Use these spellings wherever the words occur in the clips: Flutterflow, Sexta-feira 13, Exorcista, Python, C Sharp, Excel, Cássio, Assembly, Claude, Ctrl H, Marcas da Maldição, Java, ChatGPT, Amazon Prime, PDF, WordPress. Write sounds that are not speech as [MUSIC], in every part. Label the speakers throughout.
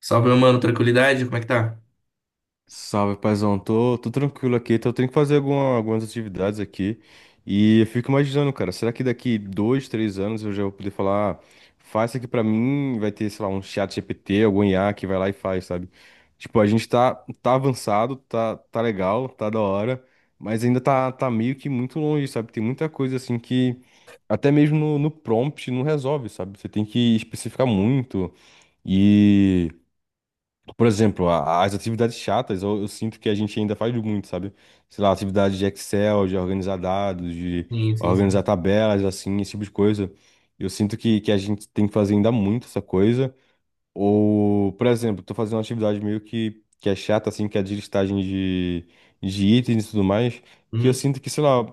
Speaker 1: Salve, meu mano, tranquilidade? Como é que tá?
Speaker 2: Salve, paizão. Tô tranquilo aqui. Então, eu tenho que fazer algumas atividades aqui. E eu fico imaginando, cara, será que daqui dois, três anos eu já vou poder falar, "Ah, faz isso aqui pra mim?" Vai ter, sei lá, um chat GPT, algum IA que vai lá e faz, sabe? Tipo, a gente tá avançado, tá legal, tá da hora, mas ainda tá meio que muito longe, sabe? Tem muita coisa assim que até mesmo no prompt não resolve, sabe? Você tem que especificar muito. Por exemplo, as atividades chatas, eu sinto que a gente ainda faz muito, sabe? Sei lá, atividade de Excel, de organizar dados, de
Speaker 1: Sim, sim, sim.
Speaker 2: organizar tabelas, assim, esse tipo de coisa. Eu sinto que a gente tem que fazer ainda muito essa coisa. Ou, por exemplo, tô fazendo uma atividade meio que é chata, assim, que é de listagem de itens e tudo mais, que eu
Speaker 1: Uhum.
Speaker 2: sinto que, sei lá,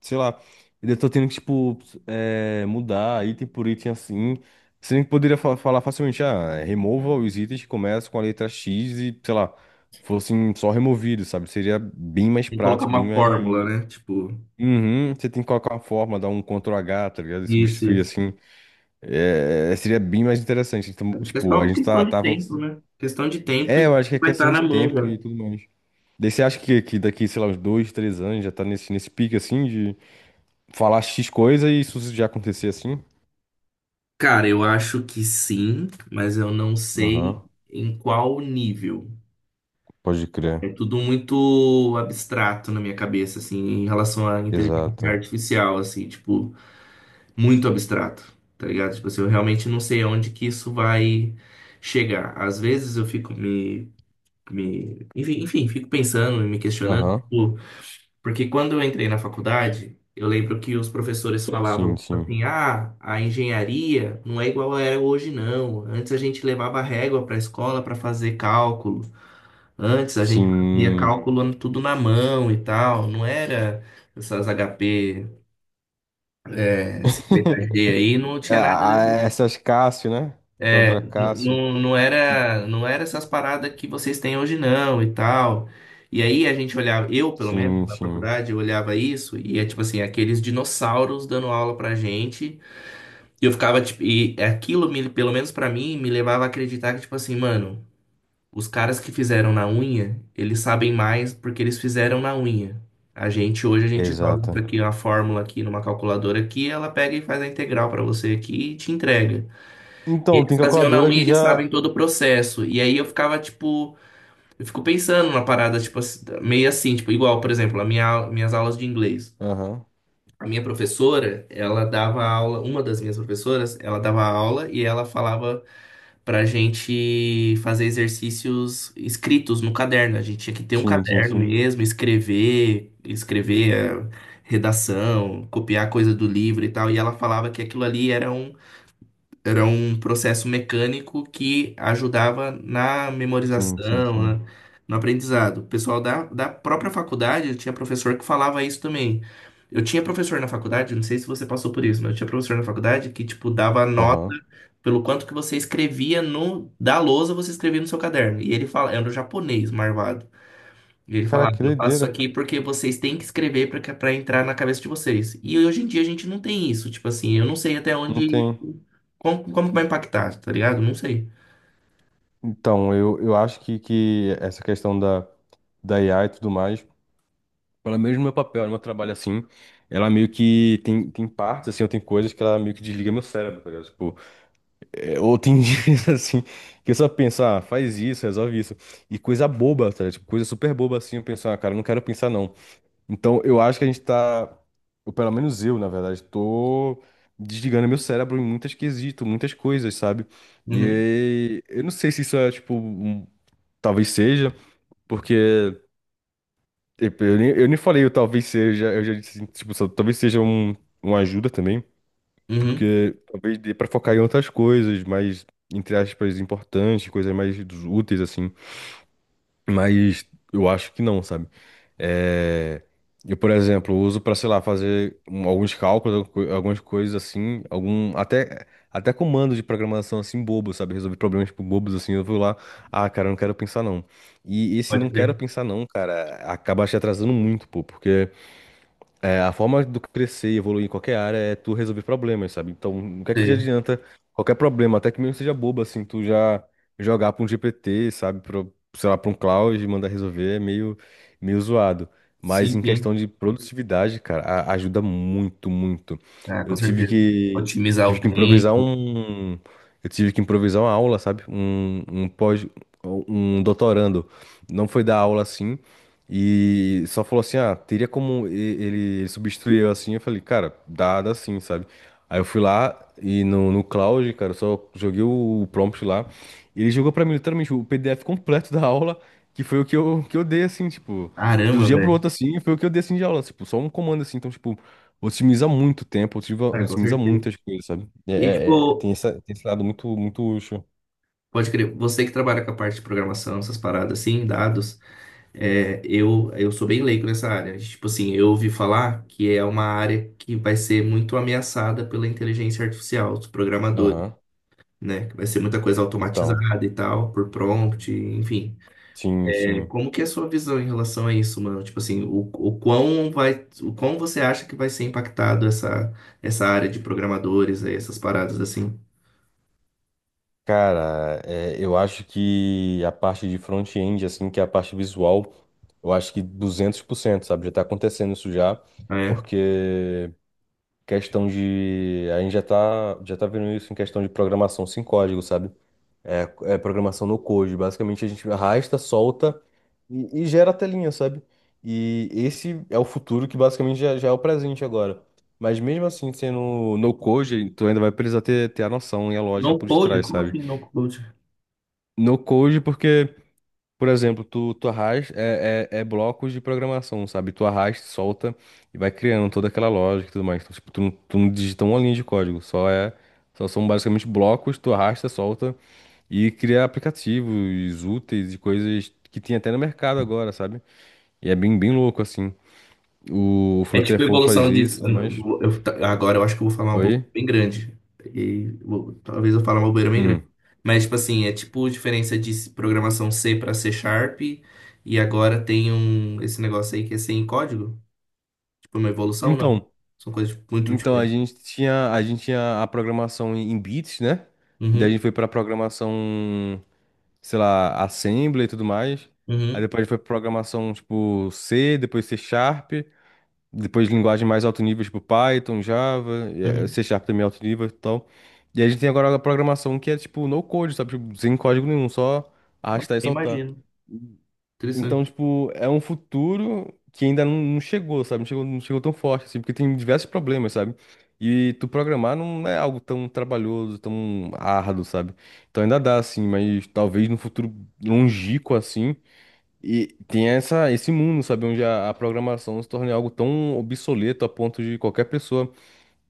Speaker 2: sei lá, eu tô tendo que, tipo, mudar item por item assim. Você nem poderia falar facilmente, ah, remova os itens que começam com a letra X e, sei lá, fossem só removidos, sabe? Seria bem mais
Speaker 1: Tem que colocar
Speaker 2: prático, bem
Speaker 1: uma
Speaker 2: mais.
Speaker 1: fórmula, né? Tipo,
Speaker 2: Uhum, você tem que colocar uma forma, dar um Ctrl H, tá ligado? E
Speaker 1: Isso,
Speaker 2: substituir
Speaker 1: isso.
Speaker 2: assim. É, seria bem mais interessante. Então,
Speaker 1: Acho que é
Speaker 2: tipo,
Speaker 1: só
Speaker 2: a
Speaker 1: uma
Speaker 2: gente
Speaker 1: questão
Speaker 2: tá,
Speaker 1: de
Speaker 2: tá avançando.
Speaker 1: tempo, né? Questão de tempo
Speaker 2: É,
Speaker 1: e
Speaker 2: eu acho que é
Speaker 1: vai estar
Speaker 2: questão de
Speaker 1: na mão já.
Speaker 2: tempo e tudo mais. Daí você acha que daqui, sei lá, uns dois, três anos já tá nesse pique assim falar X coisa e isso já acontecer assim?
Speaker 1: Cara, eu acho que sim, mas eu não sei
Speaker 2: Aham,
Speaker 1: em qual nível.
Speaker 2: pode crer.
Speaker 1: É tudo muito abstrato na minha cabeça, assim, em relação à inteligência
Speaker 2: Exato.
Speaker 1: artificial, assim, tipo, muito abstrato, tá ligado? Tipo assim, eu realmente não sei aonde que isso vai chegar. Às vezes eu fico Enfim, fico pensando e me questionando,
Speaker 2: Aham,
Speaker 1: tipo, porque quando eu entrei na faculdade, eu lembro que os professores falavam
Speaker 2: sim,
Speaker 1: tipo
Speaker 2: sim.
Speaker 1: assim: ah, a engenharia não é igual é hoje, não. Antes a gente levava régua para a escola para fazer cálculo, antes a gente fazia
Speaker 2: Sim.
Speaker 1: cálculo tudo na mão e tal, não era essas HP 50G aí,
Speaker 2: [LAUGHS]
Speaker 1: não tinha nada.
Speaker 2: Ah, essas Cássio, né? Calculadora Cássio.
Speaker 1: Não
Speaker 2: Ti-
Speaker 1: era, não era essas paradas que vocês têm hoje não e tal. E aí a gente olhava, eu pelo menos
Speaker 2: Sim,
Speaker 1: na
Speaker 2: sim.
Speaker 1: faculdade, eu olhava isso e é tipo assim, aqueles dinossauros dando aula pra gente. E eu ficava tipo, e pelo menos pra mim me levava a acreditar que tipo assim, mano, os caras que fizeram na unha, eles sabem mais porque eles fizeram na unha. A gente hoje a gente joga
Speaker 2: Exato.
Speaker 1: aqui uma fórmula aqui numa calculadora aqui, ela pega e faz a integral pra você aqui e te entrega.
Speaker 2: Então,
Speaker 1: Eles
Speaker 2: tem
Speaker 1: faziam na
Speaker 2: calculadora
Speaker 1: unha e
Speaker 2: que
Speaker 1: eles
Speaker 2: já.
Speaker 1: sabem todo o processo. E aí eu ficava, tipo, eu fico pensando na parada, tipo, assim, meio assim, tipo, igual, por exemplo, minhas aulas de inglês.
Speaker 2: Aham,
Speaker 1: A minha professora, ela dava aula, uma das minhas professoras, ela dava aula e ela falava pra gente fazer exercícios escritos no caderno. A gente tinha que ter um
Speaker 2: sim, sim,
Speaker 1: caderno
Speaker 2: sim.
Speaker 1: mesmo, escrever, escrever, redação, copiar coisa do livro e tal. E ela falava que aquilo ali era um processo mecânico que ajudava na
Speaker 2: Sim, sim,
Speaker 1: memorização,
Speaker 2: sim.
Speaker 1: né, no aprendizado. O pessoal da própria faculdade tinha professor que falava isso também. Eu tinha professor na faculdade, não sei se você passou por isso, mas eu tinha professor na faculdade que, tipo, dava nota
Speaker 2: Aham.
Speaker 1: pelo quanto que você escrevia no, da lousa, você escrevia no seu caderno. E ele fala, era um japonês, marvado. E ele
Speaker 2: Caraca,
Speaker 1: falava,
Speaker 2: que
Speaker 1: eu faço isso
Speaker 2: doideira.
Speaker 1: aqui porque vocês têm que escrever para entrar na cabeça de vocês. E hoje em dia a gente não tem isso, tipo assim, eu não sei até
Speaker 2: Não
Speaker 1: onde
Speaker 2: tem.
Speaker 1: como, como vai impactar, tá ligado? Não sei.
Speaker 2: Então, eu acho que essa questão da, da IA e tudo mais. Pelo menos no meu papel, no meu trabalho assim, ela meio que tem, tem partes, assim, ou tem coisas que ela meio que desliga meu cérebro, tá ligado? Tipo, é, ou tem [LAUGHS] dias assim, que eu só penso, ah, faz isso, resolve isso. E coisa boba, tá ligado? Tipo, coisa super boba assim, eu penso, ah, cara, eu não quero pensar não. Então, eu acho que a gente tá, ou pelo menos eu, na verdade, tô desligando meu cérebro em muitas quesitos, muitas coisas, sabe? E
Speaker 1: Uhum,
Speaker 2: aí, eu não sei se isso é, tipo, talvez seja, porque. Tipo, eu nem, eu nem falei, eu talvez seja, eu já disse, assim, tipo, talvez seja um, uma ajuda também,
Speaker 1: uhum.
Speaker 2: porque talvez dê pra focar em outras coisas mais, entre aspas, importantes, coisas mais úteis, assim, mas eu acho que não, sabe? É, eu, por exemplo, uso pra, sei lá, fazer alguns cálculos, algumas coisas assim, algum, até comando de programação, assim, bobo, sabe? Resolver problemas, tipo, bobos, assim, eu vou lá, ah, cara, eu não quero pensar, não. E esse
Speaker 1: Pode
Speaker 2: não quero
Speaker 1: crer.
Speaker 2: pensar não, cara, acaba te atrasando muito, pô, porque é, a forma do crescer e evoluir em qualquer área é tu resolver problemas, sabe? Então, o que é que já
Speaker 1: Sei.
Speaker 2: adianta qualquer problema, até que mesmo seja bobo, assim, tu já jogar pra um GPT, sabe? Pra, sei lá, pra um Claude e mandar resolver é meio, meio zoado. Mas
Speaker 1: Sim,
Speaker 2: em
Speaker 1: sim.
Speaker 2: questão de produtividade, cara, ajuda muito, muito.
Speaker 1: Ah, com
Speaker 2: Eu tive
Speaker 1: certeza.
Speaker 2: que,
Speaker 1: Otimizar
Speaker 2: tive
Speaker 1: o
Speaker 2: que improvisar
Speaker 1: tempo.
Speaker 2: um, eu tive que improvisar uma aula, sabe? Um pós, um doutorando. Não foi dar aula assim. E só falou assim, ah, teria como ele substituir eu assim? Eu falei, cara, dá sim, sabe? Aí eu fui lá e no Cloud, cara, eu só joguei o, prompt lá. E ele jogou pra mim literalmente o PDF completo da aula, que foi o que eu dei, assim, tipo, do
Speaker 1: Caramba,
Speaker 2: dia pro outro,
Speaker 1: velho.
Speaker 2: assim, foi o que eu dei, assim, de aula, tipo, só um comando, assim. Então, tipo, otimiza muito o tempo, otimiza,
Speaker 1: Ah, com
Speaker 2: otimiza
Speaker 1: certeza.
Speaker 2: muitas coisas, sabe? É,
Speaker 1: E
Speaker 2: é,
Speaker 1: tipo,
Speaker 2: tem essa, tem esse lado muito, muito útil.
Speaker 1: pode crer, você que trabalha com a parte de programação, essas paradas assim, dados. É, eu sou bem leigo nessa área. Tipo assim, eu ouvi falar que é uma área que vai ser muito ameaçada pela inteligência artificial, os programadores,
Speaker 2: Aham.
Speaker 1: né? Que vai ser muita coisa
Speaker 2: Então,
Speaker 1: automatizada e tal, por prompt, enfim.
Speaker 2: sim,
Speaker 1: É,
Speaker 2: sim.
Speaker 1: como que é a sua visão em relação a isso, mano? Tipo assim, o quão vai, o quão você acha que vai ser impactado essa, essa área de programadores aí, essas paradas assim?
Speaker 2: Cara, é, eu acho que a parte de front-end, assim, que é a parte visual, eu acho que 200%, sabe? Já tá acontecendo isso já,
Speaker 1: Ah, é.
Speaker 2: porque questão de... A gente já tá vendo isso em questão de programação sem código, sabe? É, é programação no code. Basicamente, a gente arrasta, solta e gera a telinha, sabe? E esse é o futuro que basicamente já, já é o presente agora. Mas mesmo assim, sendo no code, tu ainda vai precisar ter, ter a noção e a lógica
Speaker 1: No
Speaker 2: por
Speaker 1: code?
Speaker 2: trás,
Speaker 1: Como
Speaker 2: sabe?
Speaker 1: assim no code?
Speaker 2: No code, porque, por exemplo, tu, tu arrasta, é blocos de programação, sabe? Tu arrasta, solta e vai criando toda aquela lógica e tudo mais. Então, tipo, tu, tu não digita uma linha de código, só é, só são basicamente blocos, tu arrasta, solta e cria aplicativos úteis e coisas que tem até no mercado agora, sabe? E é bem, bem louco, assim. O
Speaker 1: É tipo
Speaker 2: Flutterflow faz
Speaker 1: evolução de.
Speaker 2: isso e tudo mais.
Speaker 1: Eu agora eu acho que eu vou falar uma
Speaker 2: Oi?
Speaker 1: bobeira bem grande. Talvez eu fale uma bobeira bem grande.
Speaker 2: Hum.
Speaker 1: Mas, tipo assim, é tipo diferença de programação C para C Sharp. E agora tem um, esse negócio aí que é sem código. Tipo, uma evolução, não.
Speaker 2: Então,
Speaker 1: São coisas muito diferentes.
Speaker 2: a gente tinha a programação em em bits, né? Daí a gente
Speaker 1: Uhum,
Speaker 2: foi pra programação. Sei lá, Assembly e tudo mais. Aí
Speaker 1: uhum,
Speaker 2: depois foi programação tipo C, depois C Sharp, depois linguagem mais alto nível, tipo Python, Java, e,
Speaker 1: uhum.
Speaker 2: C Sharp também é alto nível e tal. E a gente tem agora a programação que é tipo no code, sabe? Tipo, sem código nenhum, só
Speaker 1: Não,
Speaker 2: arrastar e
Speaker 1: eu
Speaker 2: soltar.
Speaker 1: imagino.
Speaker 2: Então,
Speaker 1: Interessante.
Speaker 2: tipo, é um futuro que ainda não chegou, sabe? Não chegou, não chegou tão forte, assim, porque tem diversos problemas, sabe? E tu programar não é algo tão trabalhoso, tão árduo, sabe? Então ainda dá, assim, mas talvez no futuro longínquo, assim, e tenha essa, esse mundo, sabe? Onde a programação se torne algo tão obsoleto a ponto de qualquer pessoa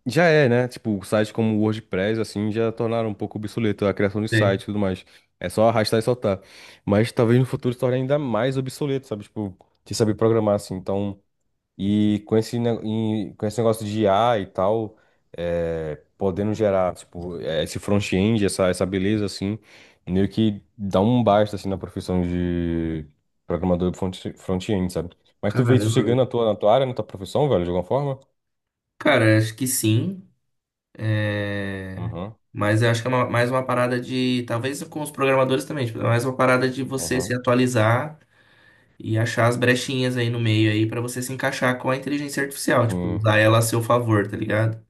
Speaker 2: já é, né? Tipo, sites como o WordPress, assim, já tornaram um pouco obsoleto a criação de
Speaker 1: É.
Speaker 2: site e tudo mais. É só arrastar e soltar. Mas talvez no futuro se torne ainda mais obsoleto, sabe? Tipo, de saber programar, assim. Então, e com e com esse negócio de IA e tal, é, podendo gerar, tipo, é, esse front-end, essa beleza, assim, meio que dá um basta, assim, na profissão de programador front-end, sabe? Mas tu vê isso
Speaker 1: Caramba,
Speaker 2: chegando
Speaker 1: velho.
Speaker 2: na tua área, na tua profissão, velho, de alguma forma?
Speaker 1: Cara, acho que sim. É,
Speaker 2: Aham,
Speaker 1: mas eu acho que é mais uma parada de. Talvez com os programadores também, tipo, é mais uma parada de você se
Speaker 2: aham.
Speaker 1: atualizar e achar as brechinhas aí no meio aí pra você se encaixar com a inteligência artificial, tipo,
Speaker 2: Sim.
Speaker 1: usar ela a seu favor, tá ligado?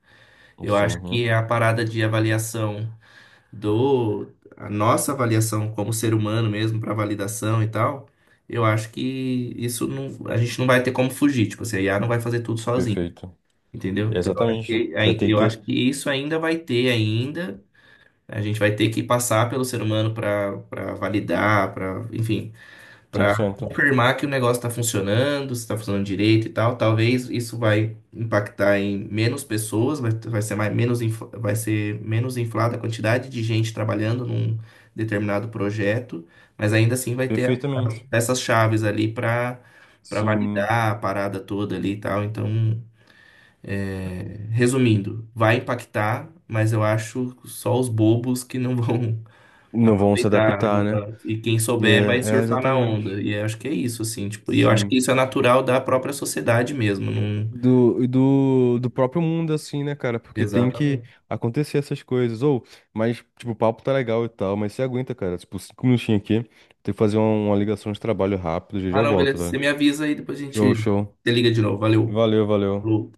Speaker 1: Eu
Speaker 2: Sim,
Speaker 1: acho
Speaker 2: uhum.
Speaker 1: que a parada de avaliação do. A nossa avaliação como ser humano mesmo, pra validação e tal, eu acho que isso não. A gente não vai ter como fugir, tipo, assim, a IA não vai fazer tudo sozinho.
Speaker 2: Perfeito.
Speaker 1: Entendeu?
Speaker 2: É
Speaker 1: Então, eu acho
Speaker 2: exatamente.
Speaker 1: que,
Speaker 2: Vai
Speaker 1: aí-
Speaker 2: ter que
Speaker 1: eu acho
Speaker 2: ter
Speaker 1: que isso ainda vai ter ainda, a gente vai ter que passar pelo ser humano para validar, para, enfim,
Speaker 2: cem
Speaker 1: para
Speaker 2: por cento
Speaker 1: confirmar que o negócio está funcionando, se está funcionando direito e tal. Talvez isso vai impactar em menos pessoas, vai, vai ser mais, menos, vai ser menos inflada a quantidade de gente trabalhando num determinado projeto, mas ainda assim vai ter a-
Speaker 2: Perfeitamente.
Speaker 1: essas chaves ali para
Speaker 2: Sim.
Speaker 1: validar a parada toda ali e tal. Então, é, resumindo, vai impactar, mas eu acho só os bobos que não vão [LAUGHS]
Speaker 2: Não vão se
Speaker 1: aproveitar. Não
Speaker 2: adaptar, né?
Speaker 1: vão- E quem souber vai
Speaker 2: É, é
Speaker 1: surfar na
Speaker 2: exatamente.
Speaker 1: onda. E eu acho que é isso, assim, tipo, e eu acho
Speaker 2: Sim.
Speaker 1: que isso é natural da própria sociedade mesmo. Não...
Speaker 2: Do, e do, do próprio mundo, assim, né, cara? Porque tem que
Speaker 1: Exatamente.
Speaker 2: acontecer essas coisas. Ou, mas, tipo, o papo tá legal e tal, mas você aguenta, cara. Tipo, 5 minutinhos aqui. Tem que fazer uma ligação de trabalho rápido, já já
Speaker 1: Ah,
Speaker 2: eu
Speaker 1: não,
Speaker 2: volto,
Speaker 1: beleza. Você
Speaker 2: velho.
Speaker 1: me avisa aí, depois a gente
Speaker 2: Show, show.
Speaker 1: se liga de novo. Valeu.
Speaker 2: Valeu, valeu.
Speaker 1: Falou.